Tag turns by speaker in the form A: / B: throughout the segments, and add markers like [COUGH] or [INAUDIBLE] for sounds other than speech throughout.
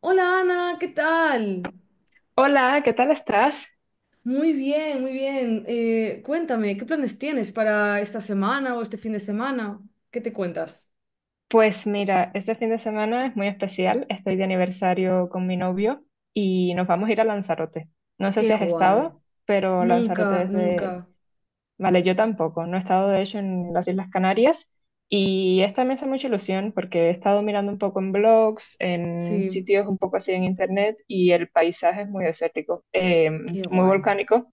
A: Hola Ana, ¿qué tal?
B: Hola, ¿qué tal estás?
A: Muy bien, muy bien. Cuéntame, ¿qué planes tienes para esta semana o este fin de semana? ¿Qué te cuentas?
B: Pues mira, este fin de semana es muy especial. Estoy de aniversario con mi novio y nos vamos a ir a Lanzarote. No sé
A: Qué
B: si has
A: guay.
B: estado, pero Lanzarote
A: Nunca,
B: es.
A: nunca.
B: Vale, yo tampoco. No he estado, de hecho, en las Islas Canarias y esta me hace mucha ilusión porque he estado mirando un poco en blogs, en
A: Sí,
B: sitios un poco así en internet y el paisaje es muy desértico,
A: qué
B: muy
A: guay.
B: volcánico.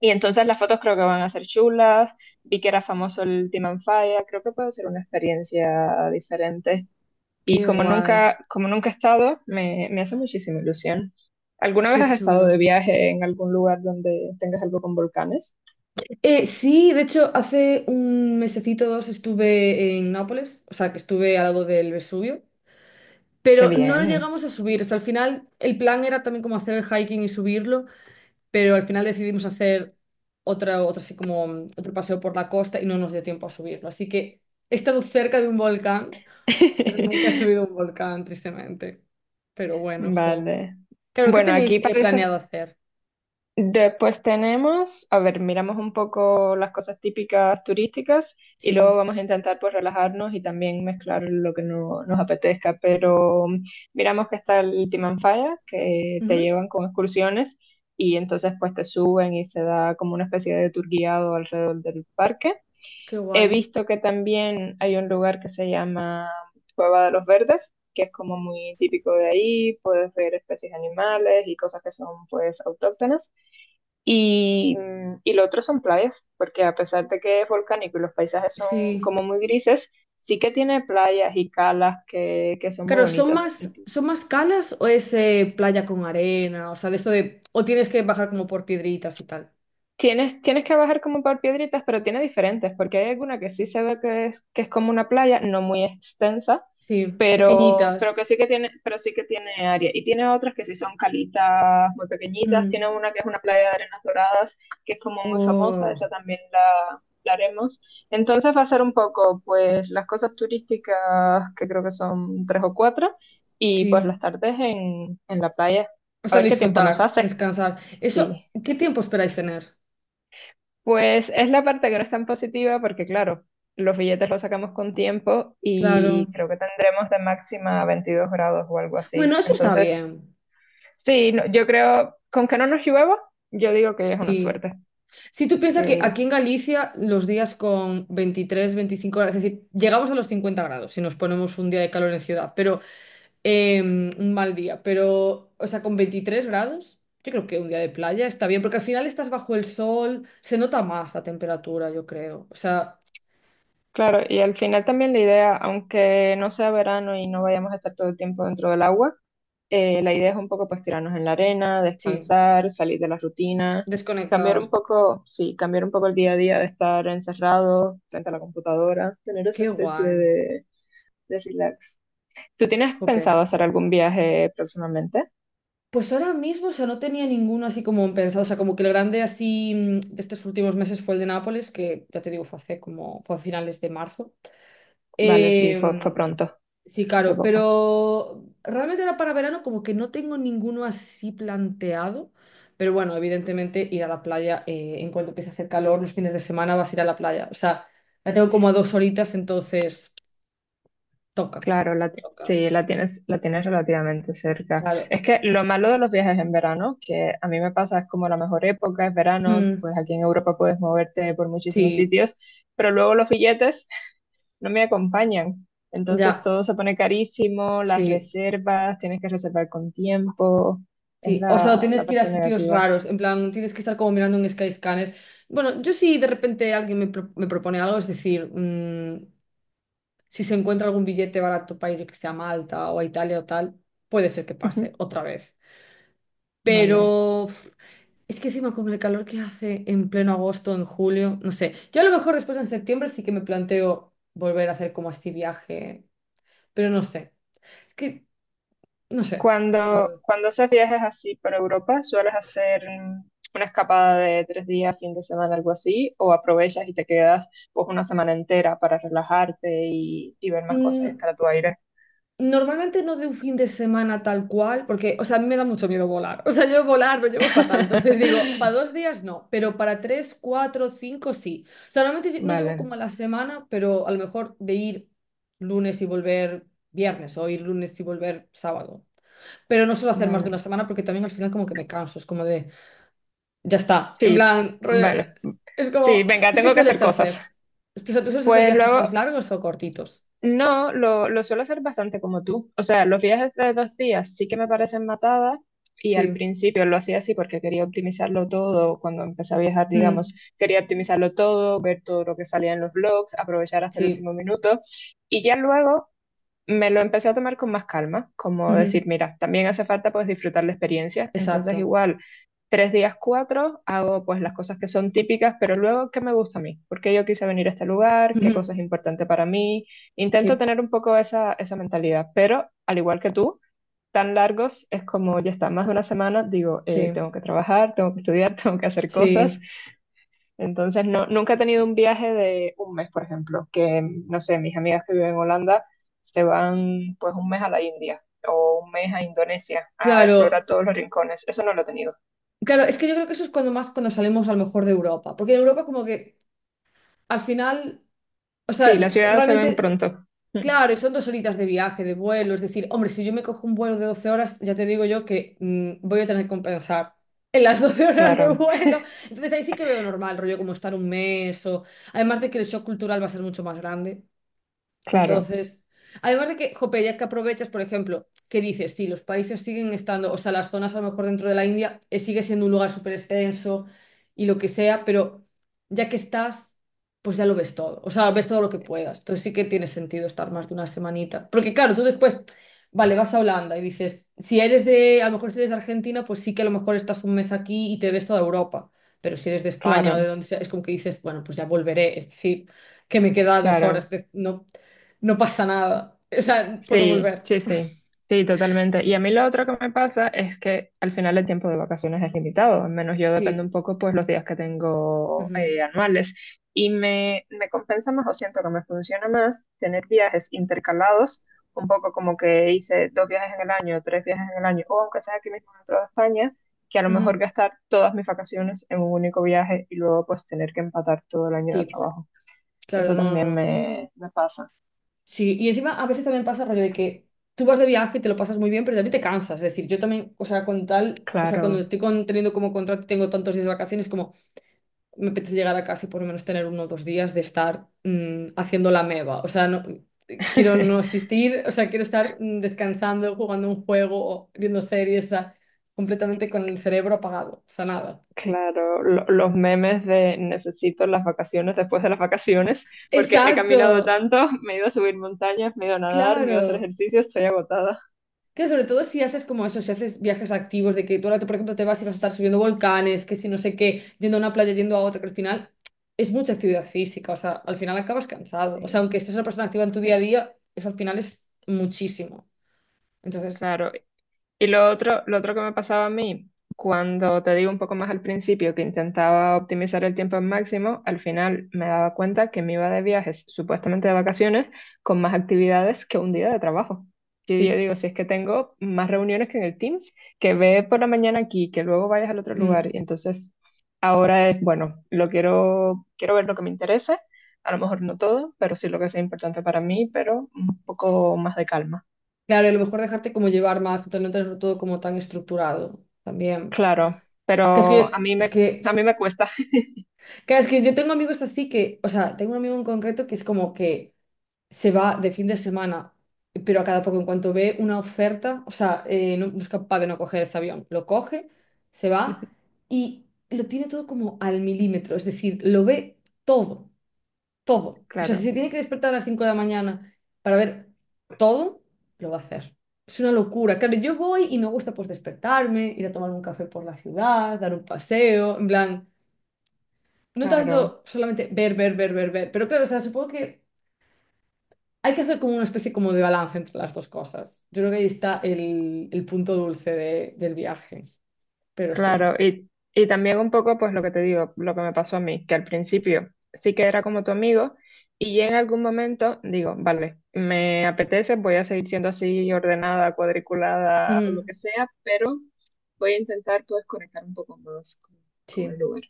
B: Y entonces las fotos creo que van a ser chulas. Vi que era famoso el Team and Fire. Creo que puede ser una experiencia diferente. Y
A: Qué
B: como
A: guay.
B: nunca, como nunca he estado, me hace muchísima ilusión. ¿Alguna vez
A: Qué
B: has estado
A: chulo.
B: de viaje en algún lugar donde tengas algo con volcanes?
A: Sí, de hecho, hace un mesecito o dos estuve en Nápoles, o sea, que estuve al lado del Vesubio,
B: ¡Qué
A: pero no lo
B: bien!
A: llegamos a subir. O sea, al final el plan era también como hacer el hiking y subirlo. Pero al final decidimos hacer otra así como otro paseo por la costa y no nos dio tiempo a subirlo. Así que he estado cerca de un volcán, pero nunca he
B: [LAUGHS]
A: subido a un volcán, tristemente. Pero bueno, jo.
B: Vale.
A: Claro, ¿qué
B: Bueno,
A: tenéis
B: aquí parece.
A: planeado hacer?
B: Después tenemos, a ver, miramos un poco las cosas típicas turísticas y
A: Sí.
B: luego vamos a intentar pues relajarnos y también mezclar lo que no, nos apetezca, pero miramos que está el Timanfaya, que te
A: Ujú.
B: llevan con excursiones y entonces pues te suben y se da como una especie de tour guiado alrededor del parque.
A: Qué
B: He
A: guay.
B: visto que también hay un lugar que se llama Cueva de los Verdes, que es como muy típico de ahí, puedes ver especies de animales y cosas que son pues autóctonas. Y lo otro son playas, porque a pesar de que es volcánico y los paisajes son
A: Sí.
B: como muy grises, sí que tiene playas y calas que son muy
A: Claro, ¿son
B: bonitas.
A: más,
B: Entonces,
A: son más calas o es playa con arena? O sea, de esto de, o tienes que bajar como por piedritas y tal.
B: tienes que bajar como por piedritas, pero tiene diferentes, porque hay alguna que sí se ve que es como una playa, no muy extensa,
A: Sí,
B: pero
A: pequeñitas.
B: que sí que tiene, pero sí que tiene área. Y tiene otras que sí son calitas muy pequeñitas. Tiene
A: Mm.
B: una que es una playa de arenas doradas, que es como muy famosa,
A: Oh,
B: esa también la haremos. Entonces va a ser un poco, pues, las cosas turísticas, que creo que son tres o cuatro, y pues las
A: sí.
B: tardes en la playa.
A: O
B: A
A: sea,
B: ver qué tiempo
A: disfrutar,
B: nos hace.
A: descansar. Eso,
B: Sí.
A: ¿qué tiempo esperáis tener?
B: Pues es la parte que no es tan positiva porque, claro, los billetes los sacamos con tiempo
A: Claro.
B: y creo que tendremos de máxima 22 grados o algo así.
A: Bueno, eso está
B: Entonces,
A: bien.
B: sí, yo creo, con que no nos llueva, yo digo que es una
A: Sí.
B: suerte,
A: Si tú piensas que
B: que.
A: aquí en Galicia los días con 23-25 grados, es decir, llegamos a los 50 grados si nos ponemos un día de calor en ciudad, pero un mal día, pero, o sea, con 23 grados, yo creo que un día de playa está bien, porque al final estás bajo el sol, se nota más la temperatura, yo creo. O sea,
B: Claro, y al final también la idea, aunque no sea verano y no vayamos a estar todo el tiempo dentro del agua, la idea es un poco pues tirarnos en la arena,
A: sí,
B: descansar, salir de la rutina, cambiar un
A: desconectar.
B: poco, sí, cambiar un poco el día a día de estar encerrado frente a la computadora, tener esa
A: Qué
B: especie
A: guay.
B: de relax. ¿Tú tienes pensado
A: Jope.
B: hacer algún viaje próximamente?
A: Pues ahora mismo, o sea, no tenía ninguno así como pensado, o sea, como que el grande así de estos últimos meses fue el de Nápoles, que ya te digo, fue hace como, fue a finales de marzo.
B: Vale, sí, fue
A: Eh,
B: pronto,
A: sí,
B: fue hace
A: claro,
B: poco.
A: pero realmente ahora para verano como que no tengo ninguno así planteado, pero bueno, evidentemente ir a la playa, en cuanto empiece a hacer calor, los fines de semana vas a ir a la playa, o sea, la tengo como a dos horitas, entonces toca,
B: Claro,
A: toca,
B: sí, la tienes relativamente cerca.
A: claro.
B: Es que lo malo de los viajes en verano, que a mí me pasa, es como la mejor época, es verano,
A: Mm,
B: pues aquí en Europa puedes moverte por muchísimos
A: sí,
B: sitios, pero luego los billetes no me acompañan. Entonces
A: ya,
B: todo se pone carísimo, las
A: sí.
B: reservas, tienes que reservar con tiempo, es
A: Sí, o sea, o
B: la,
A: tienes
B: la
A: que ir a
B: parte
A: sitios
B: negativa.
A: raros, en plan, tienes que estar como mirando un Skyscanner. Bueno, yo si de repente alguien me propone algo, es decir, si se encuentra algún billete barato para ir, que sea a Malta o a Italia o tal, puede ser que pase
B: Ujú.
A: otra vez.
B: Vale.
A: Pero uf, es que encima con el calor que hace en pleno agosto, en julio, no sé. Yo a lo mejor después en septiembre sí que me planteo volver a hacer como así viaje, pero no sé. Es que, no sé, la
B: Cuando haces viajes así por Europa, ¿sueles hacer una escapada de 3 días, fin de semana, algo así? ¿O aprovechas y te quedas pues una semana entera para relajarte y ver más cosas y
A: verdad.
B: estar a tu aire?
A: Normalmente no de un fin de semana tal cual, porque, o sea, a mí me da mucho miedo volar. O sea, yo volar lo llevo fatal. Entonces digo, para dos
B: [LAUGHS]
A: días no, pero para tres, cuatro, cinco sí. O sea, normalmente no
B: Vale,
A: llego como a la semana, pero a lo mejor de ir lunes y volver viernes o ir lunes y volver sábado. Pero no suelo hacer más de
B: vale.
A: una semana porque también al final como que me canso. Es como de, ya está. En
B: Sí,
A: plan, rollo,
B: vale.
A: es
B: Sí,
A: como,
B: venga,
A: ¿tú qué
B: tengo que
A: sueles
B: hacer cosas.
A: hacer? ¿Tú sueles hacer
B: Pues
A: viajes
B: luego,
A: más largos o cortitos?
B: no, lo suelo hacer bastante como tú. O sea, los viajes de 2 días sí que me parecen matadas y al
A: Sí.
B: principio lo hacía así porque quería optimizarlo todo. Cuando empecé a viajar,
A: Mm,
B: digamos, quería optimizarlo todo, ver todo lo que salía en los blogs, aprovechar hasta el
A: sí.
B: último minuto. Y ya luego me lo empecé a tomar con más calma, como decir,
A: [LAUGHS]
B: mira, también hace falta pues disfrutar la experiencia, entonces
A: Exacto.
B: igual 3 días, cuatro, hago pues las cosas que son típicas, pero luego, ¿qué me gusta a mí? ¿Por qué yo quise venir a este lugar? ¿Qué cosa es
A: Ujú.
B: importante para mí? Intento
A: Sí,
B: tener un poco esa mentalidad, pero al igual que tú, tan largos es como ya está, más de una semana, digo,
A: sí,
B: tengo que trabajar, tengo que estudiar, [LAUGHS] tengo que hacer cosas,
A: sí.
B: entonces, no, nunca he tenido un viaje de un mes, por ejemplo, que, no sé, mis amigas que viven en Holanda se van pues un mes a la India o un mes a Indonesia a explorar
A: Claro,
B: todos los rincones. Eso no lo he tenido.
A: claro, es que yo creo que eso es cuando más cuando salimos a lo mejor de Europa, porque en Europa como que al final, o
B: Sí, las
A: sea,
B: ciudades se ven
A: realmente,
B: pronto. Mm,
A: claro, son dos horitas de viaje, de vuelo, es decir, hombre, si yo me cojo un vuelo de 12 horas, ya te digo yo que voy a tener que compensar. En las [LAUGHS] 12 horas de
B: claro,
A: vuelo. Entonces ahí sí que veo normal, rollo como estar un mes o. Además de que el shock cultural va a ser mucho más grande.
B: claro,
A: Entonces, además de que, jope, ya que aprovechas, por ejemplo, que dices, sí, los países siguen estando, o sea, las zonas a lo mejor dentro de la India sigue siendo un lugar súper extenso y lo que sea, pero ya que estás, pues ya lo ves todo, o sea, ves todo lo que puedas. Entonces sí que tiene sentido estar más de una semanita. Porque claro, tú después, vale, vas a Holanda y dices, si eres de, a lo mejor si eres de Argentina, pues sí que a lo mejor estás un mes aquí y te ves toda Europa. Pero si eres de España o de
B: claro,
A: donde sea, es como que dices, bueno, pues ya volveré, es decir que me queda dos
B: claro.
A: horas, no, no pasa nada. O sea, puedo
B: Sí,
A: volver.
B: sí, sí, sí, totalmente. Y a mí lo otro que me pasa es que al final el tiempo de vacaciones es limitado, al menos yo dependo un
A: Sí.
B: poco pues los días que tengo
A: Ujú,
B: anuales. Y me compensa más o siento que me funciona más tener viajes intercalados, un poco como que hice dos viajes en el año, tres viajes en el año, o aunque sea aquí mismo dentro de España, que a lo mejor
A: ujú.
B: gastar todas mis vacaciones en un único viaje y luego pues tener que empatar todo el año de
A: Sí,
B: trabajo.
A: claro,
B: Eso
A: no, no,
B: también
A: no.
B: me pasa,
A: Sí, y encima a veces también pasa rollo de que tú vas de viaje y te lo pasas muy bien, pero también te cansas. Es decir, yo también, o sea, con tal, o sea, cuando
B: claro.
A: estoy teniendo como contrato y tengo tantos días de vacaciones, como me apetece llegar a casa y por lo menos tener uno o dos días de estar haciendo la meba. O sea, no, quiero no
B: [LAUGHS]
A: asistir, o sea, quiero estar descansando, jugando un juego o viendo series, o sea, completamente con el cerebro apagado. O sea, nada.
B: Claro, los memes de necesito las vacaciones después de las vacaciones, porque he
A: Exacto.
B: caminado tanto, [LAUGHS] me he ido a subir montañas, me he ido a nadar, me he ido a hacer
A: Claro.
B: ejercicio, estoy agotada.
A: Que sobre todo si haces como eso, si haces viajes activos, de que tú ahora, por ejemplo, te vas y vas a estar subiendo volcanes, que si no sé qué, yendo a una playa, yendo a otra, que al final es mucha actividad física, o sea, al final acabas cansado. O sea,
B: Sí,
A: aunque estés una persona activa en tu día a día, eso al final es muchísimo. Entonces,
B: claro. Y lo otro que me pasaba a mí, cuando te digo un poco más al principio que intentaba optimizar el tiempo al máximo, al final me daba cuenta que me iba de viajes, supuestamente de vacaciones, con más actividades que un día de trabajo. Y yo
A: sí.
B: digo, si es que tengo más reuniones que en el Teams, que ve por la mañana aquí, que luego vayas al otro
A: Mm.
B: lugar. Y entonces ahora es, bueno, quiero ver lo que me interese, a lo mejor no todo, pero sí lo que sea importante para mí, pero un poco más de calma.
A: Claro, y a lo mejor dejarte como llevar más, en no tenerlo todo como tan estructurado también.
B: Claro,
A: Que es que
B: pero a
A: yo,
B: mí
A: es
B: me,
A: que,
B: a mí me cuesta.
A: [SIGHS] Que es que yo tengo amigos así que, o sea, tengo un amigo en concreto que es como que, se va de fin de semana, pero a cada poco, en cuanto ve una oferta, o sea, no es capaz de no coger ese avión, lo coge, se va
B: [LAUGHS]
A: y lo tiene todo como al milímetro, es decir, lo ve todo, todo. O sea, si
B: Claro,
A: se tiene que despertar a las 5 de la mañana para ver todo, lo va a hacer. Es una locura. Claro, yo voy y me gusta pues despertarme, ir a tomar un café por la ciudad, dar un paseo, en plan, no
B: claro,
A: tanto solamente ver, ver, ver, ver, ver, pero claro, o sea, supongo que hay que hacer como una especie como de balance entre las dos cosas. Yo creo que ahí está el punto dulce del viaje, pero
B: claro.
A: sí.
B: Y también un poco, pues lo que te digo, lo que me pasó a mí, que al principio sí que era como tu amigo y en algún momento digo, vale, me apetece, voy a seguir siendo así ordenada, cuadriculada, o lo
A: Mm,
B: que sea, pero voy a intentar pues conectar un poco más con
A: sí,
B: el lugar.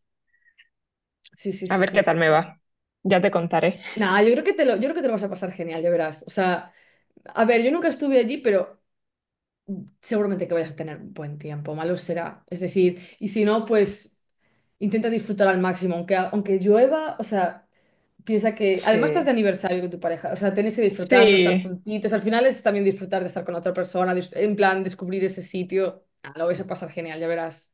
A: sí, sí,
B: A
A: sí,
B: ver
A: sí,
B: qué tal
A: sí,
B: me va.
A: sí.
B: Ya te contaré.
A: Nada, yo creo que te lo vas a pasar genial, ya verás. O sea, a ver, yo nunca estuve allí, pero seguramente que vayas a tener un buen tiempo, malo será. Es decir, y si no, pues intenta disfrutar al máximo, aunque llueva, o sea, piensa que
B: Sí,
A: además estás de aniversario con tu pareja, o sea, tenéis que disfrutarlo, estar
B: sí,
A: juntitos. Al final es también disfrutar de estar con otra persona, en plan descubrir ese sitio. Ah, lo vais a pasar genial, ya verás.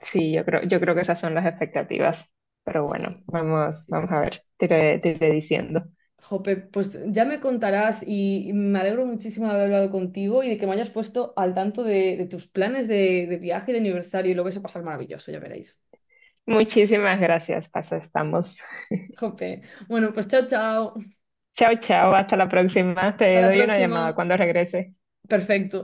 B: sí, yo creo que esas son las expectativas. Pero bueno,
A: Sí,
B: vamos,
A: sí,
B: vamos a
A: sí.
B: ver, te iré diciendo.
A: Jope, pues ya me contarás y me alegro muchísimo de haber hablado contigo y de que me hayas puesto al tanto de tus planes de viaje y de aniversario. Lo vais a pasar maravilloso, ya veréis.
B: Muchísimas gracias, Paso, estamos.
A: Jope. Bueno, pues chao, chao.
B: Chao, chao, hasta la próxima.
A: Hasta
B: Te
A: la
B: doy una llamada
A: próxima.
B: cuando regrese.
A: Perfecto.